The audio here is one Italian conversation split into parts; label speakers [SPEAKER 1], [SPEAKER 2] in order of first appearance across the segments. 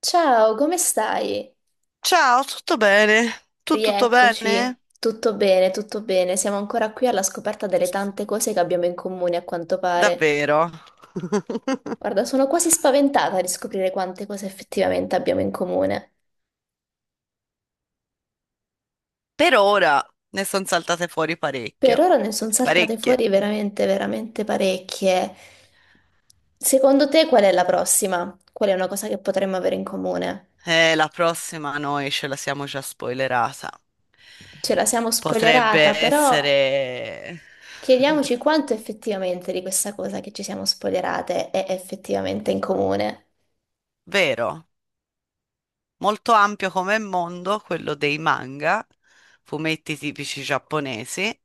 [SPEAKER 1] Ciao, come stai?
[SPEAKER 2] Ciao, tutto bene? Tu tutto
[SPEAKER 1] Rieccoci.
[SPEAKER 2] bene?
[SPEAKER 1] Tutto bene, tutto bene. Siamo ancora qui alla scoperta delle tante cose che abbiamo in comune, a quanto pare.
[SPEAKER 2] Davvero?
[SPEAKER 1] Guarda, sono quasi spaventata di scoprire quante cose effettivamente abbiamo in comune.
[SPEAKER 2] Per ora ne sono saltate fuori
[SPEAKER 1] Per
[SPEAKER 2] parecchio.
[SPEAKER 1] ora ne sono saltate
[SPEAKER 2] Parecchie.
[SPEAKER 1] fuori veramente, veramente parecchie. Secondo te qual è la prossima? Qual è una cosa che potremmo avere in comune?
[SPEAKER 2] La prossima noi ce la siamo già spoilerata.
[SPEAKER 1] Ce la siamo
[SPEAKER 2] Potrebbe
[SPEAKER 1] spoilerata, però
[SPEAKER 2] essere
[SPEAKER 1] chiediamoci quanto effettivamente di questa cosa che ci siamo spoilerate è effettivamente in comune.
[SPEAKER 2] vero, molto ampio come mondo quello dei manga, fumetti tipici giapponesi.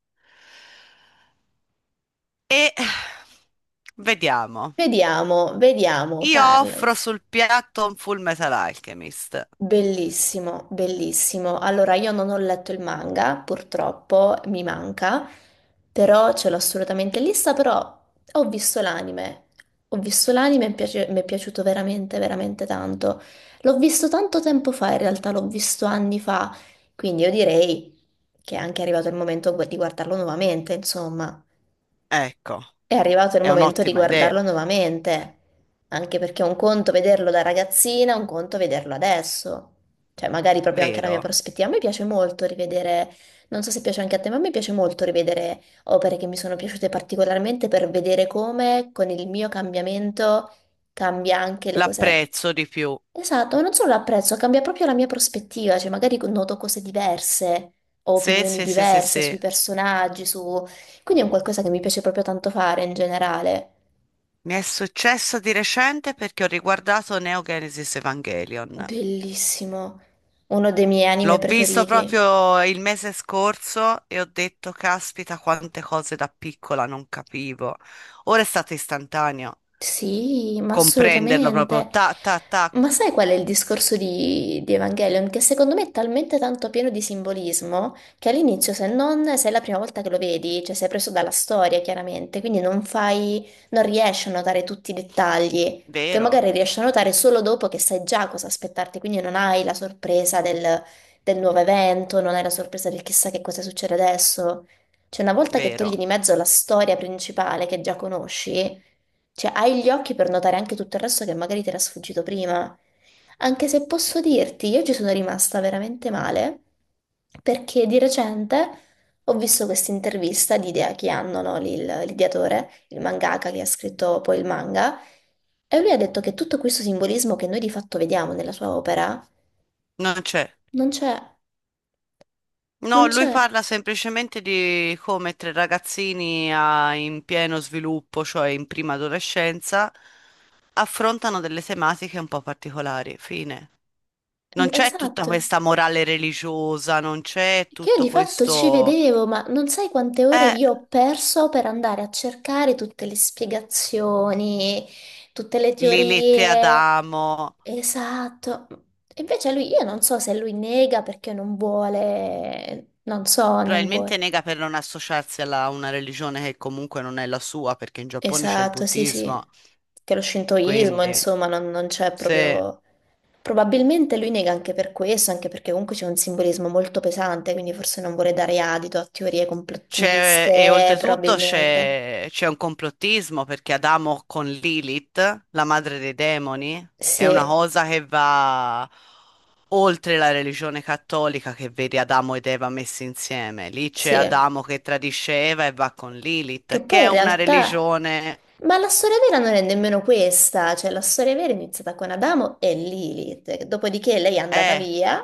[SPEAKER 2] E vediamo.
[SPEAKER 1] Vediamo, vediamo,
[SPEAKER 2] Io offro
[SPEAKER 1] parlami.
[SPEAKER 2] sul piatto un Full Metal Alchemist.
[SPEAKER 1] Bellissimo, bellissimo. Allora, io non ho letto il manga, purtroppo mi manca, però ce l'ho assolutamente in lista, però ho visto l'anime. Ho visto l'anime e mi è piaciuto veramente, veramente tanto. L'ho visto tanto tempo fa, in realtà l'ho visto anni fa, quindi io direi che è anche arrivato il momento di guardarlo nuovamente, insomma.
[SPEAKER 2] Ecco,
[SPEAKER 1] È arrivato il
[SPEAKER 2] è
[SPEAKER 1] momento di
[SPEAKER 2] un'ottima idea,
[SPEAKER 1] guardarlo nuovamente, anche perché è un conto vederlo da ragazzina, un conto vederlo adesso. Cioè, magari proprio anche la mia
[SPEAKER 2] vero?
[SPEAKER 1] prospettiva. A me piace molto rivedere, non so se piace anche a te, ma a me piace molto rivedere opere che mi sono piaciute particolarmente per vedere come con il mio cambiamento cambia anche le cose.
[SPEAKER 2] L'apprezzo di più.
[SPEAKER 1] Esatto, ma non solo l'apprezzo, cambia proprio la mia prospettiva, cioè magari noto cose diverse, ho
[SPEAKER 2] Sì,
[SPEAKER 1] opinioni
[SPEAKER 2] sì, sì, sì,
[SPEAKER 1] diverse sui
[SPEAKER 2] sì.
[SPEAKER 1] personaggi, su quindi è un qualcosa che mi piace proprio tanto fare in generale.
[SPEAKER 2] Mi è successo di recente perché ho riguardato Neo Genesis Evangelion.
[SPEAKER 1] Bellissimo. Uno dei miei
[SPEAKER 2] L'ho
[SPEAKER 1] anime
[SPEAKER 2] visto
[SPEAKER 1] preferiti.
[SPEAKER 2] proprio il mese scorso e ho detto, caspita, quante cose da piccola non capivo. Ora è stato istantaneo
[SPEAKER 1] Sì, ma
[SPEAKER 2] comprenderlo proprio.
[SPEAKER 1] assolutamente.
[SPEAKER 2] Ta, ta, ta.
[SPEAKER 1] Ma sai qual è il discorso di Evangelion? Che secondo me è talmente tanto pieno di simbolismo che all'inizio, se non sei la prima volta che lo vedi, cioè sei preso dalla storia, chiaramente, quindi non fai, non riesci a notare tutti i dettagli, che
[SPEAKER 2] Vero,
[SPEAKER 1] magari riesci a notare solo dopo che sai già cosa aspettarti, quindi non hai la sorpresa del nuovo evento, non hai la sorpresa del chissà che cosa succede adesso. Cioè, una volta che
[SPEAKER 2] vero.
[SPEAKER 1] togli di mezzo la storia principale che già conosci. Cioè, hai gli occhi per notare anche tutto il resto che magari ti era sfuggito prima. Anche se posso dirti, io ci sono rimasta veramente male perché di recente ho visto questa intervista di Idea Kianno, no? Lì L'ideatore, il mangaka che ha scritto poi il manga, e lui ha detto che tutto questo simbolismo che noi di fatto vediamo nella sua opera
[SPEAKER 2] Non c'è.
[SPEAKER 1] non c'è,
[SPEAKER 2] No,
[SPEAKER 1] non
[SPEAKER 2] lui
[SPEAKER 1] c'è.
[SPEAKER 2] parla semplicemente di come tre ragazzini in pieno sviluppo, cioè in prima adolescenza, affrontano delle tematiche un po' particolari. Fine. Non c'è tutta
[SPEAKER 1] Esatto.
[SPEAKER 2] questa morale religiosa, non c'è
[SPEAKER 1] Che io
[SPEAKER 2] tutto
[SPEAKER 1] di fatto ci
[SPEAKER 2] questo.
[SPEAKER 1] vedevo, ma non sai quante ore
[SPEAKER 2] Eh,
[SPEAKER 1] io ho perso per andare a cercare tutte le spiegazioni, tutte le
[SPEAKER 2] le lette ad
[SPEAKER 1] teorie.
[SPEAKER 2] Adamo.
[SPEAKER 1] Esatto. E invece lui, io non so se lui nega perché non vuole, non so, non
[SPEAKER 2] Probabilmente
[SPEAKER 1] vuole.
[SPEAKER 2] nega per non associarsi a una religione che comunque non è la sua, perché in Giappone c'è il
[SPEAKER 1] Esatto, sì,
[SPEAKER 2] buddismo,
[SPEAKER 1] sì. Che lo scintoismo,
[SPEAKER 2] quindi.
[SPEAKER 1] insomma, non c'è
[SPEAKER 2] Sì.
[SPEAKER 1] proprio... Probabilmente lui nega anche per questo, anche perché comunque c'è un simbolismo molto pesante, quindi forse non vuole dare adito a teorie
[SPEAKER 2] C'è, e
[SPEAKER 1] complottiste,
[SPEAKER 2] oltretutto
[SPEAKER 1] probabilmente.
[SPEAKER 2] c'è un complottismo perché Adamo con Lilith, la madre dei demoni, è
[SPEAKER 1] Sì,
[SPEAKER 2] una cosa che va oltre la religione cattolica che vede Adamo ed Eva messi insieme. Lì c'è
[SPEAKER 1] sì.
[SPEAKER 2] Adamo che tradisce Eva e va con
[SPEAKER 1] Che
[SPEAKER 2] Lilith, che
[SPEAKER 1] poi
[SPEAKER 2] è
[SPEAKER 1] in
[SPEAKER 2] una
[SPEAKER 1] realtà...
[SPEAKER 2] religione.
[SPEAKER 1] Ma la storia vera non è nemmeno questa, cioè la storia vera è iniziata con Adamo e Lilith, dopodiché lei è andata
[SPEAKER 2] Eh,
[SPEAKER 1] via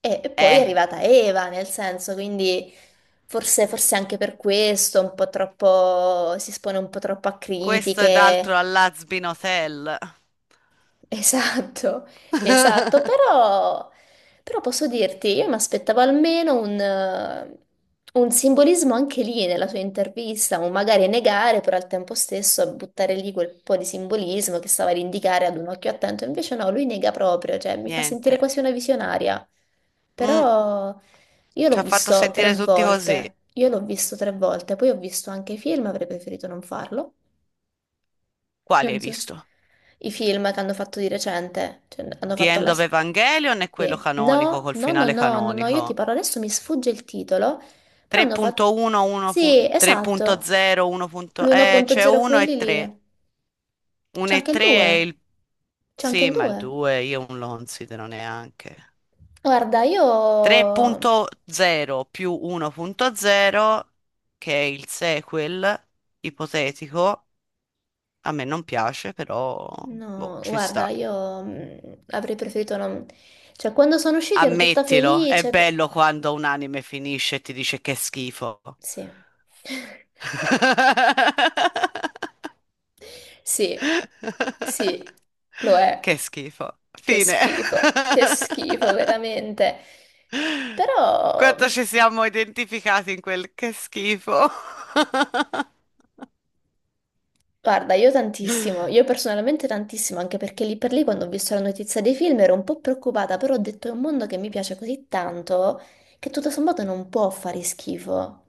[SPEAKER 1] e poi è
[SPEAKER 2] eh,
[SPEAKER 1] arrivata Eva, nel senso, quindi forse, forse anche per questo un po' troppo, si espone un po' troppo a
[SPEAKER 2] Questo ed
[SPEAKER 1] critiche.
[SPEAKER 2] altro all'Azbin Hotel.
[SPEAKER 1] Esatto, esatto, però, però, posso dirti, io mi aspettavo almeno un simbolismo anche lì nella sua intervista, o magari negare, però al tempo stesso buttare lì quel po' di simbolismo che stava ad indicare ad un occhio attento, invece no, lui nega proprio, cioè mi fa sentire
[SPEAKER 2] Niente.
[SPEAKER 1] quasi una visionaria,
[SPEAKER 2] Mm,
[SPEAKER 1] però io
[SPEAKER 2] Ci
[SPEAKER 1] l'ho
[SPEAKER 2] ha fatto
[SPEAKER 1] visto tre
[SPEAKER 2] sentire tutti così.
[SPEAKER 1] volte, io l'ho visto 3 volte, poi ho visto anche i film, avrei preferito non farlo.
[SPEAKER 2] Quali hai
[SPEAKER 1] Non so.
[SPEAKER 2] visto?
[SPEAKER 1] I film che hanno fatto di recente, cioè, hanno
[SPEAKER 2] The
[SPEAKER 1] fatto
[SPEAKER 2] End
[SPEAKER 1] la...
[SPEAKER 2] of Evangelion è quello
[SPEAKER 1] Sì.
[SPEAKER 2] canonico,
[SPEAKER 1] No,
[SPEAKER 2] col
[SPEAKER 1] no, no,
[SPEAKER 2] finale
[SPEAKER 1] no, no, no, io ti
[SPEAKER 2] canonico.
[SPEAKER 1] parlo adesso, mi sfugge il titolo, però hanno fatto...
[SPEAKER 2] 3.1, 1
[SPEAKER 1] Sì, esatto,
[SPEAKER 2] 3.0, 1. C'è
[SPEAKER 1] l'1.0
[SPEAKER 2] 1 e
[SPEAKER 1] quelli lì,
[SPEAKER 2] 3. 1
[SPEAKER 1] c'è
[SPEAKER 2] e
[SPEAKER 1] anche il
[SPEAKER 2] 3 è
[SPEAKER 1] 2,
[SPEAKER 2] il.
[SPEAKER 1] c'è anche il
[SPEAKER 2] Sì, ma il
[SPEAKER 1] 2.
[SPEAKER 2] 2 io non lo considero neanche.
[SPEAKER 1] Guarda, io...
[SPEAKER 2] 3.0 più 1.0, che è il sequel ipotetico, a me non piace, però boh,
[SPEAKER 1] No,
[SPEAKER 2] ci
[SPEAKER 1] guarda,
[SPEAKER 2] sta.
[SPEAKER 1] io avrei preferito non... Cioè, quando sono usciti ero tutta
[SPEAKER 2] Ammettilo, è
[SPEAKER 1] felice,
[SPEAKER 2] bello quando un anime finisce e ti dice che è schifo.
[SPEAKER 1] Sì. Sì, sì, lo è.
[SPEAKER 2] Che schifo. Fine.
[SPEAKER 1] Che schifo, veramente. Però,
[SPEAKER 2] Quanto ci siamo identificati in quel che schifo.
[SPEAKER 1] guarda, io tantissimo, io personalmente tantissimo, anche perché lì per lì quando ho visto la notizia dei film ero un po' preoccupata, però ho detto è un mondo che mi piace così tanto che tutto sommato non può fare schifo.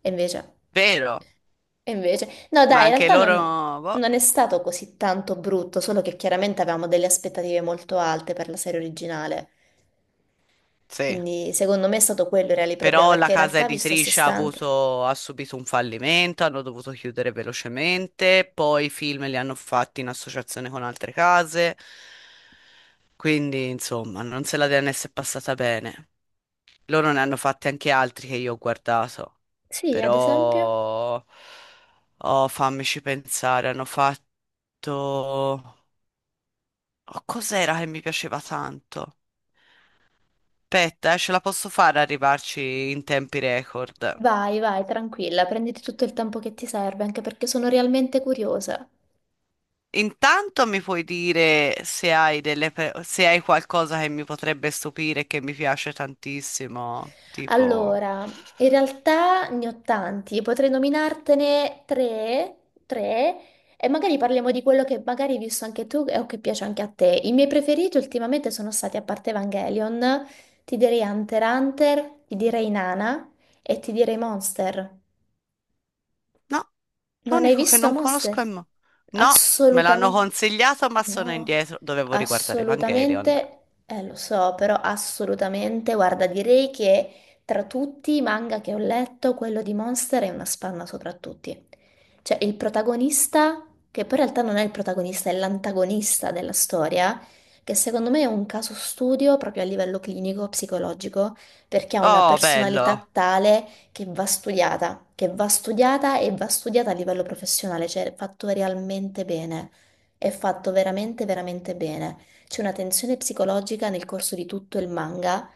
[SPEAKER 1] E invece,
[SPEAKER 2] Vero,
[SPEAKER 1] e invece, no,
[SPEAKER 2] ma
[SPEAKER 1] dai, in
[SPEAKER 2] anche
[SPEAKER 1] realtà non,
[SPEAKER 2] loro, boh,
[SPEAKER 1] non è stato così tanto brutto, solo che chiaramente avevamo delle aspettative molto alte per la serie originale.
[SPEAKER 2] sì.
[SPEAKER 1] Quindi secondo me è stato quello il reale problema,
[SPEAKER 2] Però la
[SPEAKER 1] perché in
[SPEAKER 2] casa
[SPEAKER 1] realtà visto a sé
[SPEAKER 2] editrice ha
[SPEAKER 1] stante.
[SPEAKER 2] avuto, ha subito un fallimento, hanno dovuto chiudere velocemente, poi i film li hanno fatti in associazione con altre case, quindi insomma non se la DNS è passata bene. Loro ne hanno fatti anche altri che io ho guardato,
[SPEAKER 1] Sì, ad esempio,
[SPEAKER 2] però. Oh, fammici pensare, hanno fatto. Oh, cos'era che mi piaceva tanto? Aspetta, ce la posso fare ad arrivarci in tempi record.
[SPEAKER 1] vai, vai, tranquilla, prenditi tutto il tempo che ti serve, anche perché sono realmente curiosa.
[SPEAKER 2] Intanto mi puoi dire se hai qualcosa che mi potrebbe stupire e che mi piace tantissimo, tipo.
[SPEAKER 1] Allora, in realtà ne ho tanti, potrei nominartene tre, tre, e magari parliamo di quello che magari hai visto anche tu o che piace anche a te. I miei preferiti ultimamente sono stati, a parte Evangelion, ti direi Hunter x Hunter, ti direi Nana e ti direi Monster.
[SPEAKER 2] No,
[SPEAKER 1] Non hai
[SPEAKER 2] l'unico che
[SPEAKER 1] visto
[SPEAKER 2] non
[SPEAKER 1] Monster?
[SPEAKER 2] conosco è Mo. No, me l'hanno
[SPEAKER 1] Assolutamente.
[SPEAKER 2] consigliato, ma sono
[SPEAKER 1] No,
[SPEAKER 2] indietro. Dovevo riguardare Evangelion.
[SPEAKER 1] assolutamente. Lo so, però assolutamente. Guarda, direi che tra tutti i manga che ho letto, quello di Monster è una spanna sopra tutti. Cioè, il protagonista, che poi in realtà non è il protagonista, è l'antagonista della storia, che secondo me è un caso studio proprio a livello clinico, psicologico, perché ha una
[SPEAKER 2] Oh, bello.
[SPEAKER 1] personalità tale che va studiata e va studiata a livello professionale, cioè è fatto realmente bene, è fatto veramente, veramente bene. C'è una tensione psicologica nel corso di tutto il manga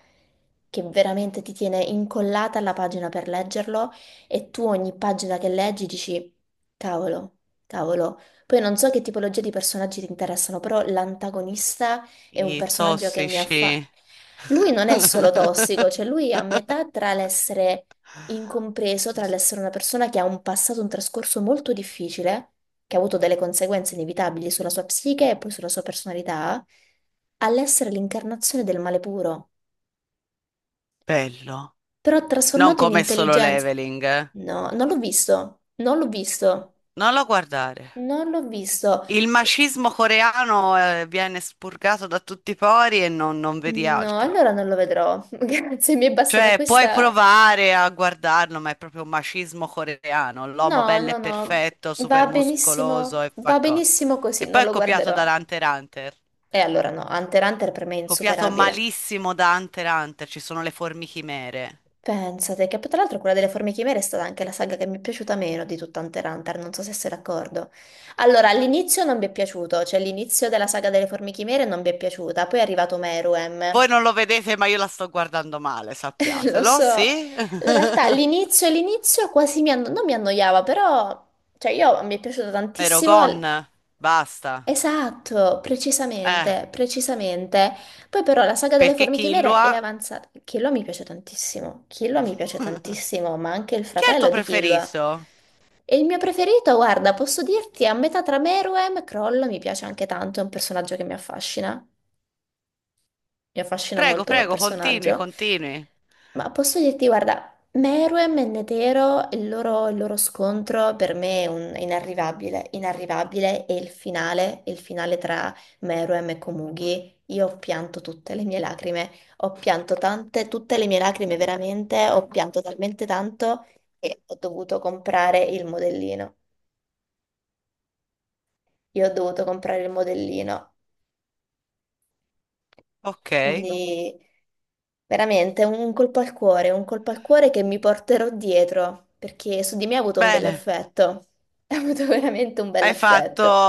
[SPEAKER 1] che veramente ti tiene incollata alla pagina per leggerlo e tu ogni pagina che leggi dici, cavolo, cavolo. Poi non so che tipologia di personaggi ti interessano, però l'antagonista è un
[SPEAKER 2] I
[SPEAKER 1] personaggio che mi ha
[SPEAKER 2] tossici.
[SPEAKER 1] fatto... Lui non è solo tossico, cioè lui è a metà tra l'essere incompreso tra l'essere una persona che ha un passato, un trascorso molto difficile, che ha avuto delle conseguenze inevitabili sulla sua psiche e poi sulla sua personalità, all'essere l'incarnazione del male puro,
[SPEAKER 2] Bello.
[SPEAKER 1] però
[SPEAKER 2] Non
[SPEAKER 1] trasformato in
[SPEAKER 2] come solo
[SPEAKER 1] intelligenza.
[SPEAKER 2] leveling, eh.
[SPEAKER 1] No, non l'ho visto, non l'ho visto,
[SPEAKER 2] Non lo guardare.
[SPEAKER 1] non l'ho visto.
[SPEAKER 2] Il
[SPEAKER 1] P-
[SPEAKER 2] macismo coreano, viene spurgato da tutti i pori e non, non vedi
[SPEAKER 1] No,
[SPEAKER 2] altro.
[SPEAKER 1] allora non lo vedrò. Grazie, mi è bastata
[SPEAKER 2] Cioè, puoi
[SPEAKER 1] questa.
[SPEAKER 2] provare a guardarlo, ma è proprio un macismo coreano,
[SPEAKER 1] No,
[SPEAKER 2] l'uomo bello
[SPEAKER 1] no,
[SPEAKER 2] e
[SPEAKER 1] no,
[SPEAKER 2] perfetto, super muscoloso e fa
[SPEAKER 1] va
[SPEAKER 2] co-
[SPEAKER 1] benissimo
[SPEAKER 2] E
[SPEAKER 1] così, non
[SPEAKER 2] poi è
[SPEAKER 1] lo
[SPEAKER 2] copiato
[SPEAKER 1] guarderò.
[SPEAKER 2] da Hunter x Hunter,
[SPEAKER 1] E allora no, Hunter x Hunter per me è
[SPEAKER 2] copiato
[SPEAKER 1] insuperabile.
[SPEAKER 2] malissimo da Hunter x Hunter, ci sono le formichimere.
[SPEAKER 1] Pensate che poi tra l'altro quella delle formiche chimere è stata anche la saga che mi è piaciuta meno di tutta Hunter x Hunter, non so se sei d'accordo. Allora, all'inizio non mi è piaciuto, cioè l'inizio della saga delle formiche chimere non mi è piaciuta, poi è arrivato Meruem,
[SPEAKER 2] Voi non lo vedete, ma io la sto guardando male,
[SPEAKER 1] lo
[SPEAKER 2] sappiatelo,
[SPEAKER 1] so.
[SPEAKER 2] sì?
[SPEAKER 1] In realtà l'inizio, l'inizio quasi non mi annoiava, però cioè io mi è piaciuto tantissimo.
[SPEAKER 2] Erogon, basta.
[SPEAKER 1] Esatto,
[SPEAKER 2] Eh,
[SPEAKER 1] precisamente, precisamente. Poi però la saga delle
[SPEAKER 2] perché
[SPEAKER 1] formiche
[SPEAKER 2] chi lo
[SPEAKER 1] chimere è
[SPEAKER 2] ha?
[SPEAKER 1] avanzata. Killua mi piace tantissimo, Killua mi piace tantissimo, ma anche il
[SPEAKER 2] Chi è il tuo
[SPEAKER 1] fratello di Killua.
[SPEAKER 2] preferito?
[SPEAKER 1] E il mio preferito, guarda, posso dirti, è a metà tra Meruem e Kroll, mi piace anche tanto, è un personaggio che mi affascina
[SPEAKER 2] Prego,
[SPEAKER 1] molto come
[SPEAKER 2] prego, continui,
[SPEAKER 1] personaggio,
[SPEAKER 2] continui.
[SPEAKER 1] ma posso dirti, guarda, Meruem e Netero, il loro scontro per me è è inarrivabile, inarrivabile, e il finale tra Meruem e Komugi, io ho pianto tutte le mie lacrime, ho pianto tante, tutte le mie lacrime veramente, ho pianto talmente tanto che ho dovuto comprare il modellino. Io ho dovuto comprare il modellino, Madonna.
[SPEAKER 2] Ok,
[SPEAKER 1] Quindi veramente un colpo al cuore, un colpo al cuore che mi porterò dietro, perché su di me ha avuto un bel
[SPEAKER 2] bene.
[SPEAKER 1] effetto. Ha avuto veramente un bel
[SPEAKER 2] Hai fatto.
[SPEAKER 1] effetto.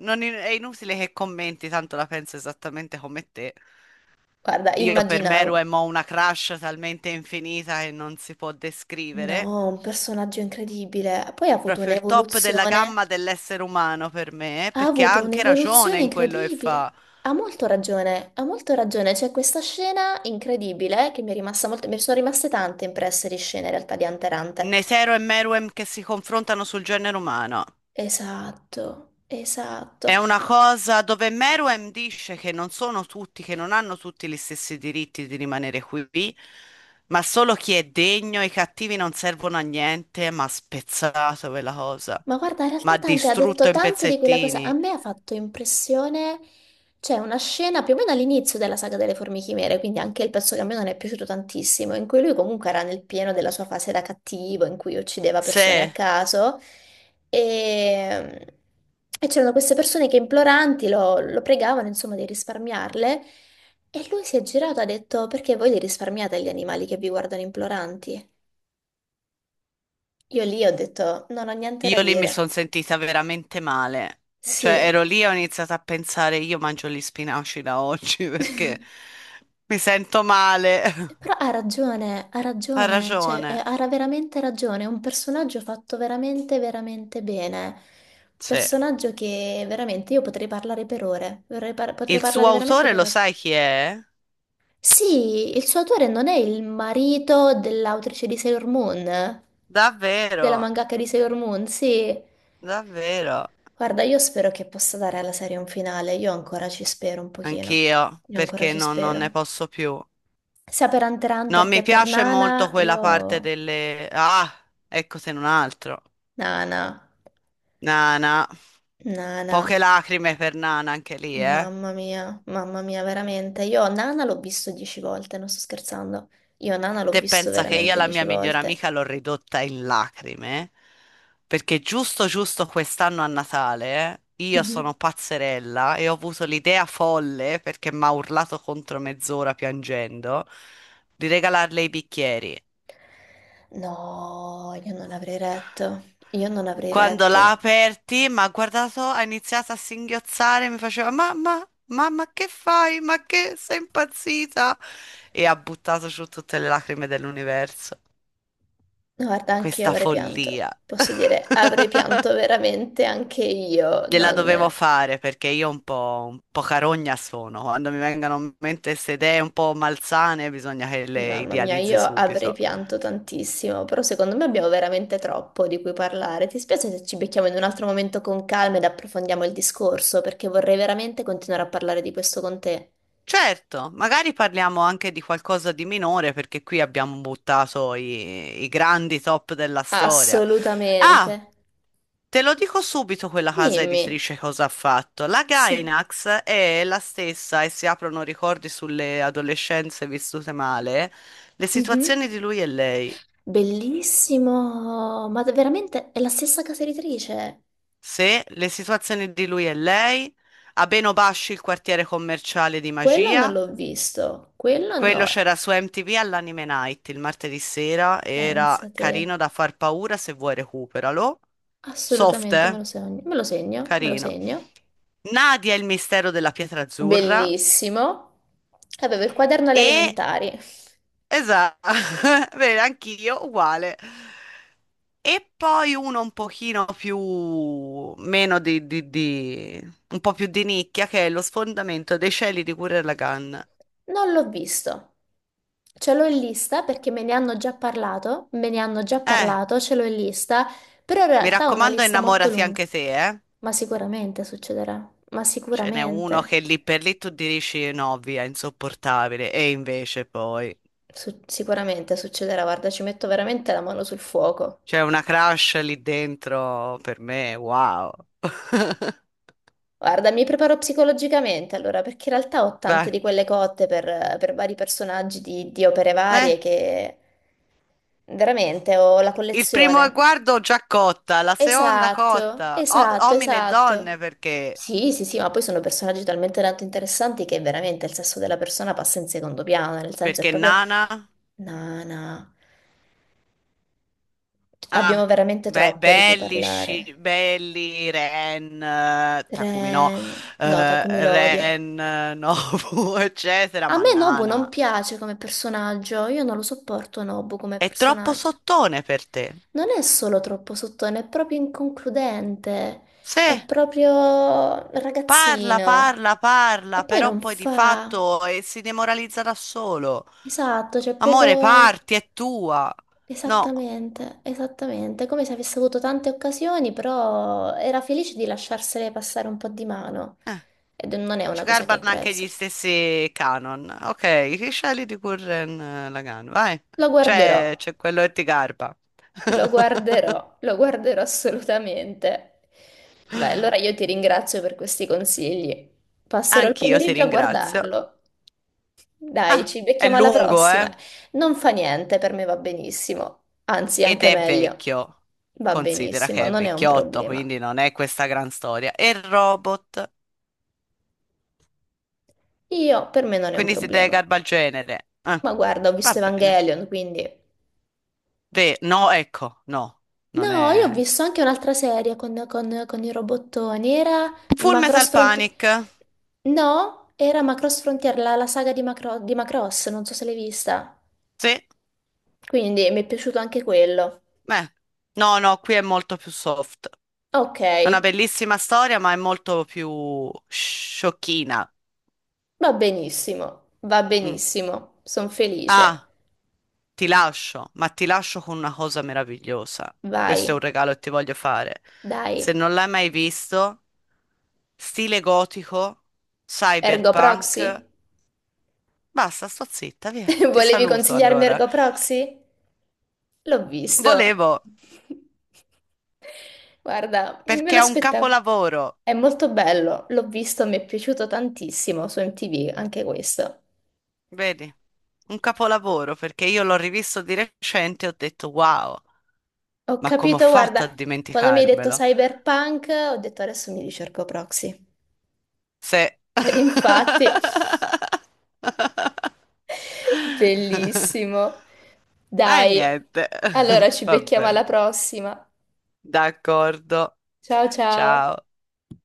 [SPEAKER 2] Non in- È inutile che commenti, tanto la penso esattamente come te.
[SPEAKER 1] Guarda,
[SPEAKER 2] Io per Meru e
[SPEAKER 1] immaginavo.
[SPEAKER 2] Mo una crush talmente infinita che non si può descrivere.
[SPEAKER 1] No, un personaggio incredibile. Poi ha avuto
[SPEAKER 2] Proprio il top della
[SPEAKER 1] un'evoluzione.
[SPEAKER 2] gamma dell'essere umano per me,
[SPEAKER 1] Ha
[SPEAKER 2] perché ha
[SPEAKER 1] avuto
[SPEAKER 2] anche ragione
[SPEAKER 1] un'evoluzione
[SPEAKER 2] in quello che
[SPEAKER 1] incredibile.
[SPEAKER 2] fa.
[SPEAKER 1] Ha molto ragione, ha molto ragione. C'è questa scena incredibile che mi è rimasta molto... Mi sono rimaste tante impresse di scene in realtà di Hunter x Hunter.
[SPEAKER 2] Nesero e Meruem che si confrontano sul genere umano.
[SPEAKER 1] Esatto, esatto.
[SPEAKER 2] È una cosa dove Meruem dice che non sono tutti, che non hanno tutti gli stessi diritti di rimanere qui, ma solo chi è degno, i cattivi non servono a niente, ma ha spezzato quella cosa,
[SPEAKER 1] Ma guarda, in
[SPEAKER 2] ma ha
[SPEAKER 1] realtà Tante ha
[SPEAKER 2] distrutto
[SPEAKER 1] detto
[SPEAKER 2] in
[SPEAKER 1] tante di quella cosa. A
[SPEAKER 2] pezzettini.
[SPEAKER 1] me ha fatto impressione, c'è una scena più o meno all'inizio della saga delle Formiche Chimere, quindi anche il pezzo che a me non è piaciuto tantissimo, in cui lui comunque era nel pieno della sua fase da cattivo, in cui uccideva persone a
[SPEAKER 2] Se
[SPEAKER 1] caso. E, e c'erano queste persone che imploranti lo pregavano, insomma, di risparmiarle. E lui si è girato e ha detto: perché voi li risparmiate gli animali che vi guardano imploranti? Io lì ho detto, non ho niente da
[SPEAKER 2] io lì mi
[SPEAKER 1] dire.
[SPEAKER 2] sono sentita veramente male, cioè
[SPEAKER 1] Sì,
[SPEAKER 2] ero lì e ho iniziato a pensare, io mangio gli spinaci da oggi perché mi sento male.
[SPEAKER 1] però ha
[SPEAKER 2] Ha
[SPEAKER 1] ragione, cioè
[SPEAKER 2] ragione.
[SPEAKER 1] ha veramente ragione, è un personaggio fatto veramente, veramente bene.
[SPEAKER 2] Sì.
[SPEAKER 1] Personaggio che veramente io potrei parlare per ore, potrei
[SPEAKER 2] Il suo
[SPEAKER 1] parlare veramente
[SPEAKER 2] autore
[SPEAKER 1] per
[SPEAKER 2] lo
[SPEAKER 1] ore.
[SPEAKER 2] sai chi è?
[SPEAKER 1] Sì, il suo autore non è il marito dell'autrice di Sailor Moon, della
[SPEAKER 2] Davvero,
[SPEAKER 1] mangaka di Sailor Moon, sì.
[SPEAKER 2] davvero,
[SPEAKER 1] Guarda, io spero che possa dare alla serie un finale, io ancora ci spero un pochino,
[SPEAKER 2] anch'io,
[SPEAKER 1] io ancora
[SPEAKER 2] perché
[SPEAKER 1] ci
[SPEAKER 2] non ne
[SPEAKER 1] spero.
[SPEAKER 2] posso più.
[SPEAKER 1] Sia per Hunter x
[SPEAKER 2] No,
[SPEAKER 1] Hunter
[SPEAKER 2] mi
[SPEAKER 1] che per
[SPEAKER 2] piace molto
[SPEAKER 1] Nana,
[SPEAKER 2] quella
[SPEAKER 1] io...
[SPEAKER 2] parte delle. Ah, ecco se non altro.
[SPEAKER 1] Nana,
[SPEAKER 2] Nana,
[SPEAKER 1] Nana,
[SPEAKER 2] poche lacrime per Nana anche lì, eh.
[SPEAKER 1] mamma mia, veramente. Io Nana l'ho visto 10 volte, non sto scherzando. Io Nana l'ho
[SPEAKER 2] Te
[SPEAKER 1] visto
[SPEAKER 2] pensa che io
[SPEAKER 1] veramente
[SPEAKER 2] la
[SPEAKER 1] dieci
[SPEAKER 2] mia migliore
[SPEAKER 1] volte.
[SPEAKER 2] amica l'ho ridotta in lacrime? Perché giusto giusto quest'anno a Natale io
[SPEAKER 1] Mhm.
[SPEAKER 2] sono pazzerella e ho avuto l'idea folle perché mi ha urlato contro mezz'ora piangendo di regalarle i bicchieri.
[SPEAKER 1] No, io non avrei retto. Io non avrei
[SPEAKER 2] Quando l'ha
[SPEAKER 1] retto.
[SPEAKER 2] aperti, mi ha guardato, ha iniziato a singhiozzare, mi faceva mamma, mamma, che fai? Ma che sei impazzita? E ha buttato giù tutte le lacrime dell'universo.
[SPEAKER 1] No, guarda, anche io
[SPEAKER 2] Questa
[SPEAKER 1] avrei pianto.
[SPEAKER 2] follia.
[SPEAKER 1] Posso dire, avrei pianto veramente anche io.
[SPEAKER 2] Gliela
[SPEAKER 1] Non...
[SPEAKER 2] dovevo fare perché io un po' carogna sono. Quando mi vengono in mente queste idee un po' malsane, bisogna che le
[SPEAKER 1] Mamma mia,
[SPEAKER 2] idealizzi
[SPEAKER 1] io avrei
[SPEAKER 2] subito.
[SPEAKER 1] pianto tantissimo, però secondo me abbiamo veramente troppo di cui parlare. Ti spiace se ci becchiamo in un altro momento con calma ed approfondiamo il discorso, perché vorrei veramente continuare a parlare di questo con te.
[SPEAKER 2] Certo, magari parliamo anche di qualcosa di minore perché qui abbiamo buttato i, i grandi top della storia.
[SPEAKER 1] Assolutamente.
[SPEAKER 2] Ah, te lo dico subito quella casa
[SPEAKER 1] Dimmi.
[SPEAKER 2] editrice cosa ha fatto. La
[SPEAKER 1] Sì.
[SPEAKER 2] Gainax è la stessa e si aprono ricordi sulle adolescenze vissute male, le
[SPEAKER 1] Mhm.
[SPEAKER 2] situazioni di lui e lei.
[SPEAKER 1] Bellissimo, ma veramente è la stessa casa editrice.
[SPEAKER 2] Se le situazioni di lui e lei, Abeno Basci il quartiere commerciale di
[SPEAKER 1] Quello non
[SPEAKER 2] magia.
[SPEAKER 1] l'ho visto, quello
[SPEAKER 2] Quello
[SPEAKER 1] no.
[SPEAKER 2] c'era su MTV all'Anime Night il martedì sera, era
[SPEAKER 1] Pensate.
[SPEAKER 2] carino da far paura, se vuoi recuperalo. Soft,
[SPEAKER 1] Assolutamente, me
[SPEAKER 2] eh?
[SPEAKER 1] lo segno, me lo segno, me lo
[SPEAKER 2] Carino.
[SPEAKER 1] segno.
[SPEAKER 2] Nadia e il mistero della pietra azzurra
[SPEAKER 1] Bellissimo. Avevo il quaderno alle
[SPEAKER 2] e.
[SPEAKER 1] elementari.
[SPEAKER 2] Esatto, bene, anch'io uguale. E poi uno un pochino più. Meno di un po' più di nicchia, che è lo sfondamento dei cieli di Gurren Lagann.
[SPEAKER 1] Non l'ho visto. Ce l'ho in lista perché me ne hanno già parlato, me ne hanno già
[SPEAKER 2] Eh,
[SPEAKER 1] parlato, ce l'ho in lista, però in
[SPEAKER 2] Mi
[SPEAKER 1] realtà è una
[SPEAKER 2] raccomando,
[SPEAKER 1] lista molto
[SPEAKER 2] innamorati
[SPEAKER 1] lunga.
[SPEAKER 2] anche te, eh?
[SPEAKER 1] Ma sicuramente succederà, ma
[SPEAKER 2] Ce n'è uno
[SPEAKER 1] sicuramente,
[SPEAKER 2] che lì per lì tu dici no, via, insopportabile. E invece poi
[SPEAKER 1] Sicuramente succederà, guarda, ci metto veramente la mano sul fuoco.
[SPEAKER 2] c'è una crush lì dentro per me, wow.
[SPEAKER 1] Guarda, mi preparo psicologicamente allora, perché in realtà ho tante
[SPEAKER 2] Beh,
[SPEAKER 1] di quelle cotte per vari personaggi di opere
[SPEAKER 2] eh,
[SPEAKER 1] varie che veramente ho la
[SPEAKER 2] il primo
[SPEAKER 1] collezione.
[SPEAKER 2] guardo già cotta, la seconda
[SPEAKER 1] Esatto,
[SPEAKER 2] cotta,
[SPEAKER 1] esatto,
[SPEAKER 2] uomini e donne
[SPEAKER 1] esatto.
[SPEAKER 2] perché?
[SPEAKER 1] Sì, sì, sì, ma poi sono personaggi talmente tanto interessanti che veramente il sesso della persona passa in secondo piano, nel senso è
[SPEAKER 2] Perché
[SPEAKER 1] proprio...
[SPEAKER 2] Nana?
[SPEAKER 1] No, no, abbiamo
[SPEAKER 2] Ah,
[SPEAKER 1] veramente troppo di cui
[SPEAKER 2] belli,
[SPEAKER 1] parlare.
[SPEAKER 2] Belli, Ren, Takumi no,
[SPEAKER 1] Ren, no, Takumi lo odio.
[SPEAKER 2] Ren, Nobu, eccetera,
[SPEAKER 1] A
[SPEAKER 2] ma
[SPEAKER 1] me Nobu non
[SPEAKER 2] Nana.
[SPEAKER 1] piace come personaggio, io non lo sopporto Nobu come
[SPEAKER 2] È troppo
[SPEAKER 1] personaggio.
[SPEAKER 2] sottone per te.
[SPEAKER 1] Non è solo troppo sottone, è proprio inconcludente, è
[SPEAKER 2] Se
[SPEAKER 1] proprio
[SPEAKER 2] parla,
[SPEAKER 1] ragazzino.
[SPEAKER 2] parla,
[SPEAKER 1] E
[SPEAKER 2] parla,
[SPEAKER 1] poi
[SPEAKER 2] però
[SPEAKER 1] non
[SPEAKER 2] poi di
[SPEAKER 1] fa.
[SPEAKER 2] fatto si demoralizza da solo.
[SPEAKER 1] Esatto, c'è
[SPEAKER 2] Amore,
[SPEAKER 1] poco...
[SPEAKER 2] parti, è tua. No,
[SPEAKER 1] Esattamente, esattamente, è come se avesse avuto tante occasioni, però era felice di lasciarsele passare un po' di mano. Ed non è
[SPEAKER 2] ci
[SPEAKER 1] una cosa che
[SPEAKER 2] garbano anche
[SPEAKER 1] apprezzo.
[SPEAKER 2] gli stessi canon. Ok, chi scegli di Gurren Lagann? Vai.
[SPEAKER 1] Lo guarderò.
[SPEAKER 2] C'è quello che ti garba.
[SPEAKER 1] Lo guarderò, lo guarderò assolutamente. Beh, allora io ti ringrazio per questi consigli. Passerò il
[SPEAKER 2] Anch'io ti
[SPEAKER 1] pomeriggio a
[SPEAKER 2] ringrazio.
[SPEAKER 1] guardarlo. Dai,
[SPEAKER 2] Ah,
[SPEAKER 1] ci
[SPEAKER 2] è
[SPEAKER 1] becchiamo alla
[SPEAKER 2] lungo,
[SPEAKER 1] prossima.
[SPEAKER 2] eh?
[SPEAKER 1] Non fa niente, per me va benissimo. Anzi,
[SPEAKER 2] Ed
[SPEAKER 1] anche
[SPEAKER 2] è
[SPEAKER 1] meglio.
[SPEAKER 2] vecchio.
[SPEAKER 1] Va
[SPEAKER 2] Considera
[SPEAKER 1] benissimo,
[SPEAKER 2] che è
[SPEAKER 1] non è un
[SPEAKER 2] vecchiotto,
[SPEAKER 1] problema.
[SPEAKER 2] quindi non è questa gran storia. E il robot?
[SPEAKER 1] Io, per me non è un
[SPEAKER 2] Quindi siete
[SPEAKER 1] problema.
[SPEAKER 2] Garbagenere.
[SPEAKER 1] Ma guarda, ho
[SPEAKER 2] Va
[SPEAKER 1] visto
[SPEAKER 2] bene.
[SPEAKER 1] Evangelion, quindi...
[SPEAKER 2] Re, no, ecco, no, non
[SPEAKER 1] No, io ho
[SPEAKER 2] è.
[SPEAKER 1] visto anche un'altra serie con i robottoni. Era
[SPEAKER 2] Full Metal
[SPEAKER 1] Macross Frontier.
[SPEAKER 2] Panic.
[SPEAKER 1] No, era Macross Frontier, la saga di Macross, non so se l'hai vista.
[SPEAKER 2] Sì,
[SPEAKER 1] Quindi mi è piaciuto anche quello.
[SPEAKER 2] beh. No, no, qui è molto più soft.
[SPEAKER 1] Ok,
[SPEAKER 2] È una bellissima storia, ma è molto più sciocchina.
[SPEAKER 1] va
[SPEAKER 2] Mm.
[SPEAKER 1] benissimo, sono felice.
[SPEAKER 2] Ah, ti lascio, ma ti lascio con una cosa meravigliosa.
[SPEAKER 1] Vai,
[SPEAKER 2] Questo è un regalo che ti voglio fare. Se
[SPEAKER 1] dai.
[SPEAKER 2] non l'hai mai visto, stile gotico,
[SPEAKER 1] Ergo
[SPEAKER 2] cyberpunk.
[SPEAKER 1] Proxy?
[SPEAKER 2] Basta, sto zitta, via. Ti
[SPEAKER 1] Volevi
[SPEAKER 2] saluto
[SPEAKER 1] consigliarmi
[SPEAKER 2] allora.
[SPEAKER 1] Ergo Proxy? L'ho visto.
[SPEAKER 2] Volevo,
[SPEAKER 1] Guarda, me
[SPEAKER 2] perché
[SPEAKER 1] lo
[SPEAKER 2] è un
[SPEAKER 1] aspettavo.
[SPEAKER 2] capolavoro,
[SPEAKER 1] È molto bello, l'ho visto, mi è piaciuto tantissimo su MTV, anche questo.
[SPEAKER 2] vedi? Un capolavoro, perché io l'ho rivisto di recente e ho detto, wow,
[SPEAKER 1] Ho
[SPEAKER 2] ma come ho
[SPEAKER 1] capito,
[SPEAKER 2] fatto a
[SPEAKER 1] guarda, quando mi hai detto
[SPEAKER 2] dimenticarmelo?
[SPEAKER 1] cyberpunk, ho detto adesso mi ricerco Proxy.
[SPEAKER 2] Se.
[SPEAKER 1] Ed infatti, bellissimo.
[SPEAKER 2] E
[SPEAKER 1] Dai,
[SPEAKER 2] niente,
[SPEAKER 1] allora ci
[SPEAKER 2] va
[SPEAKER 1] becchiamo alla
[SPEAKER 2] bene,
[SPEAKER 1] prossima.
[SPEAKER 2] d'accordo,
[SPEAKER 1] Ciao ciao.
[SPEAKER 2] ciao.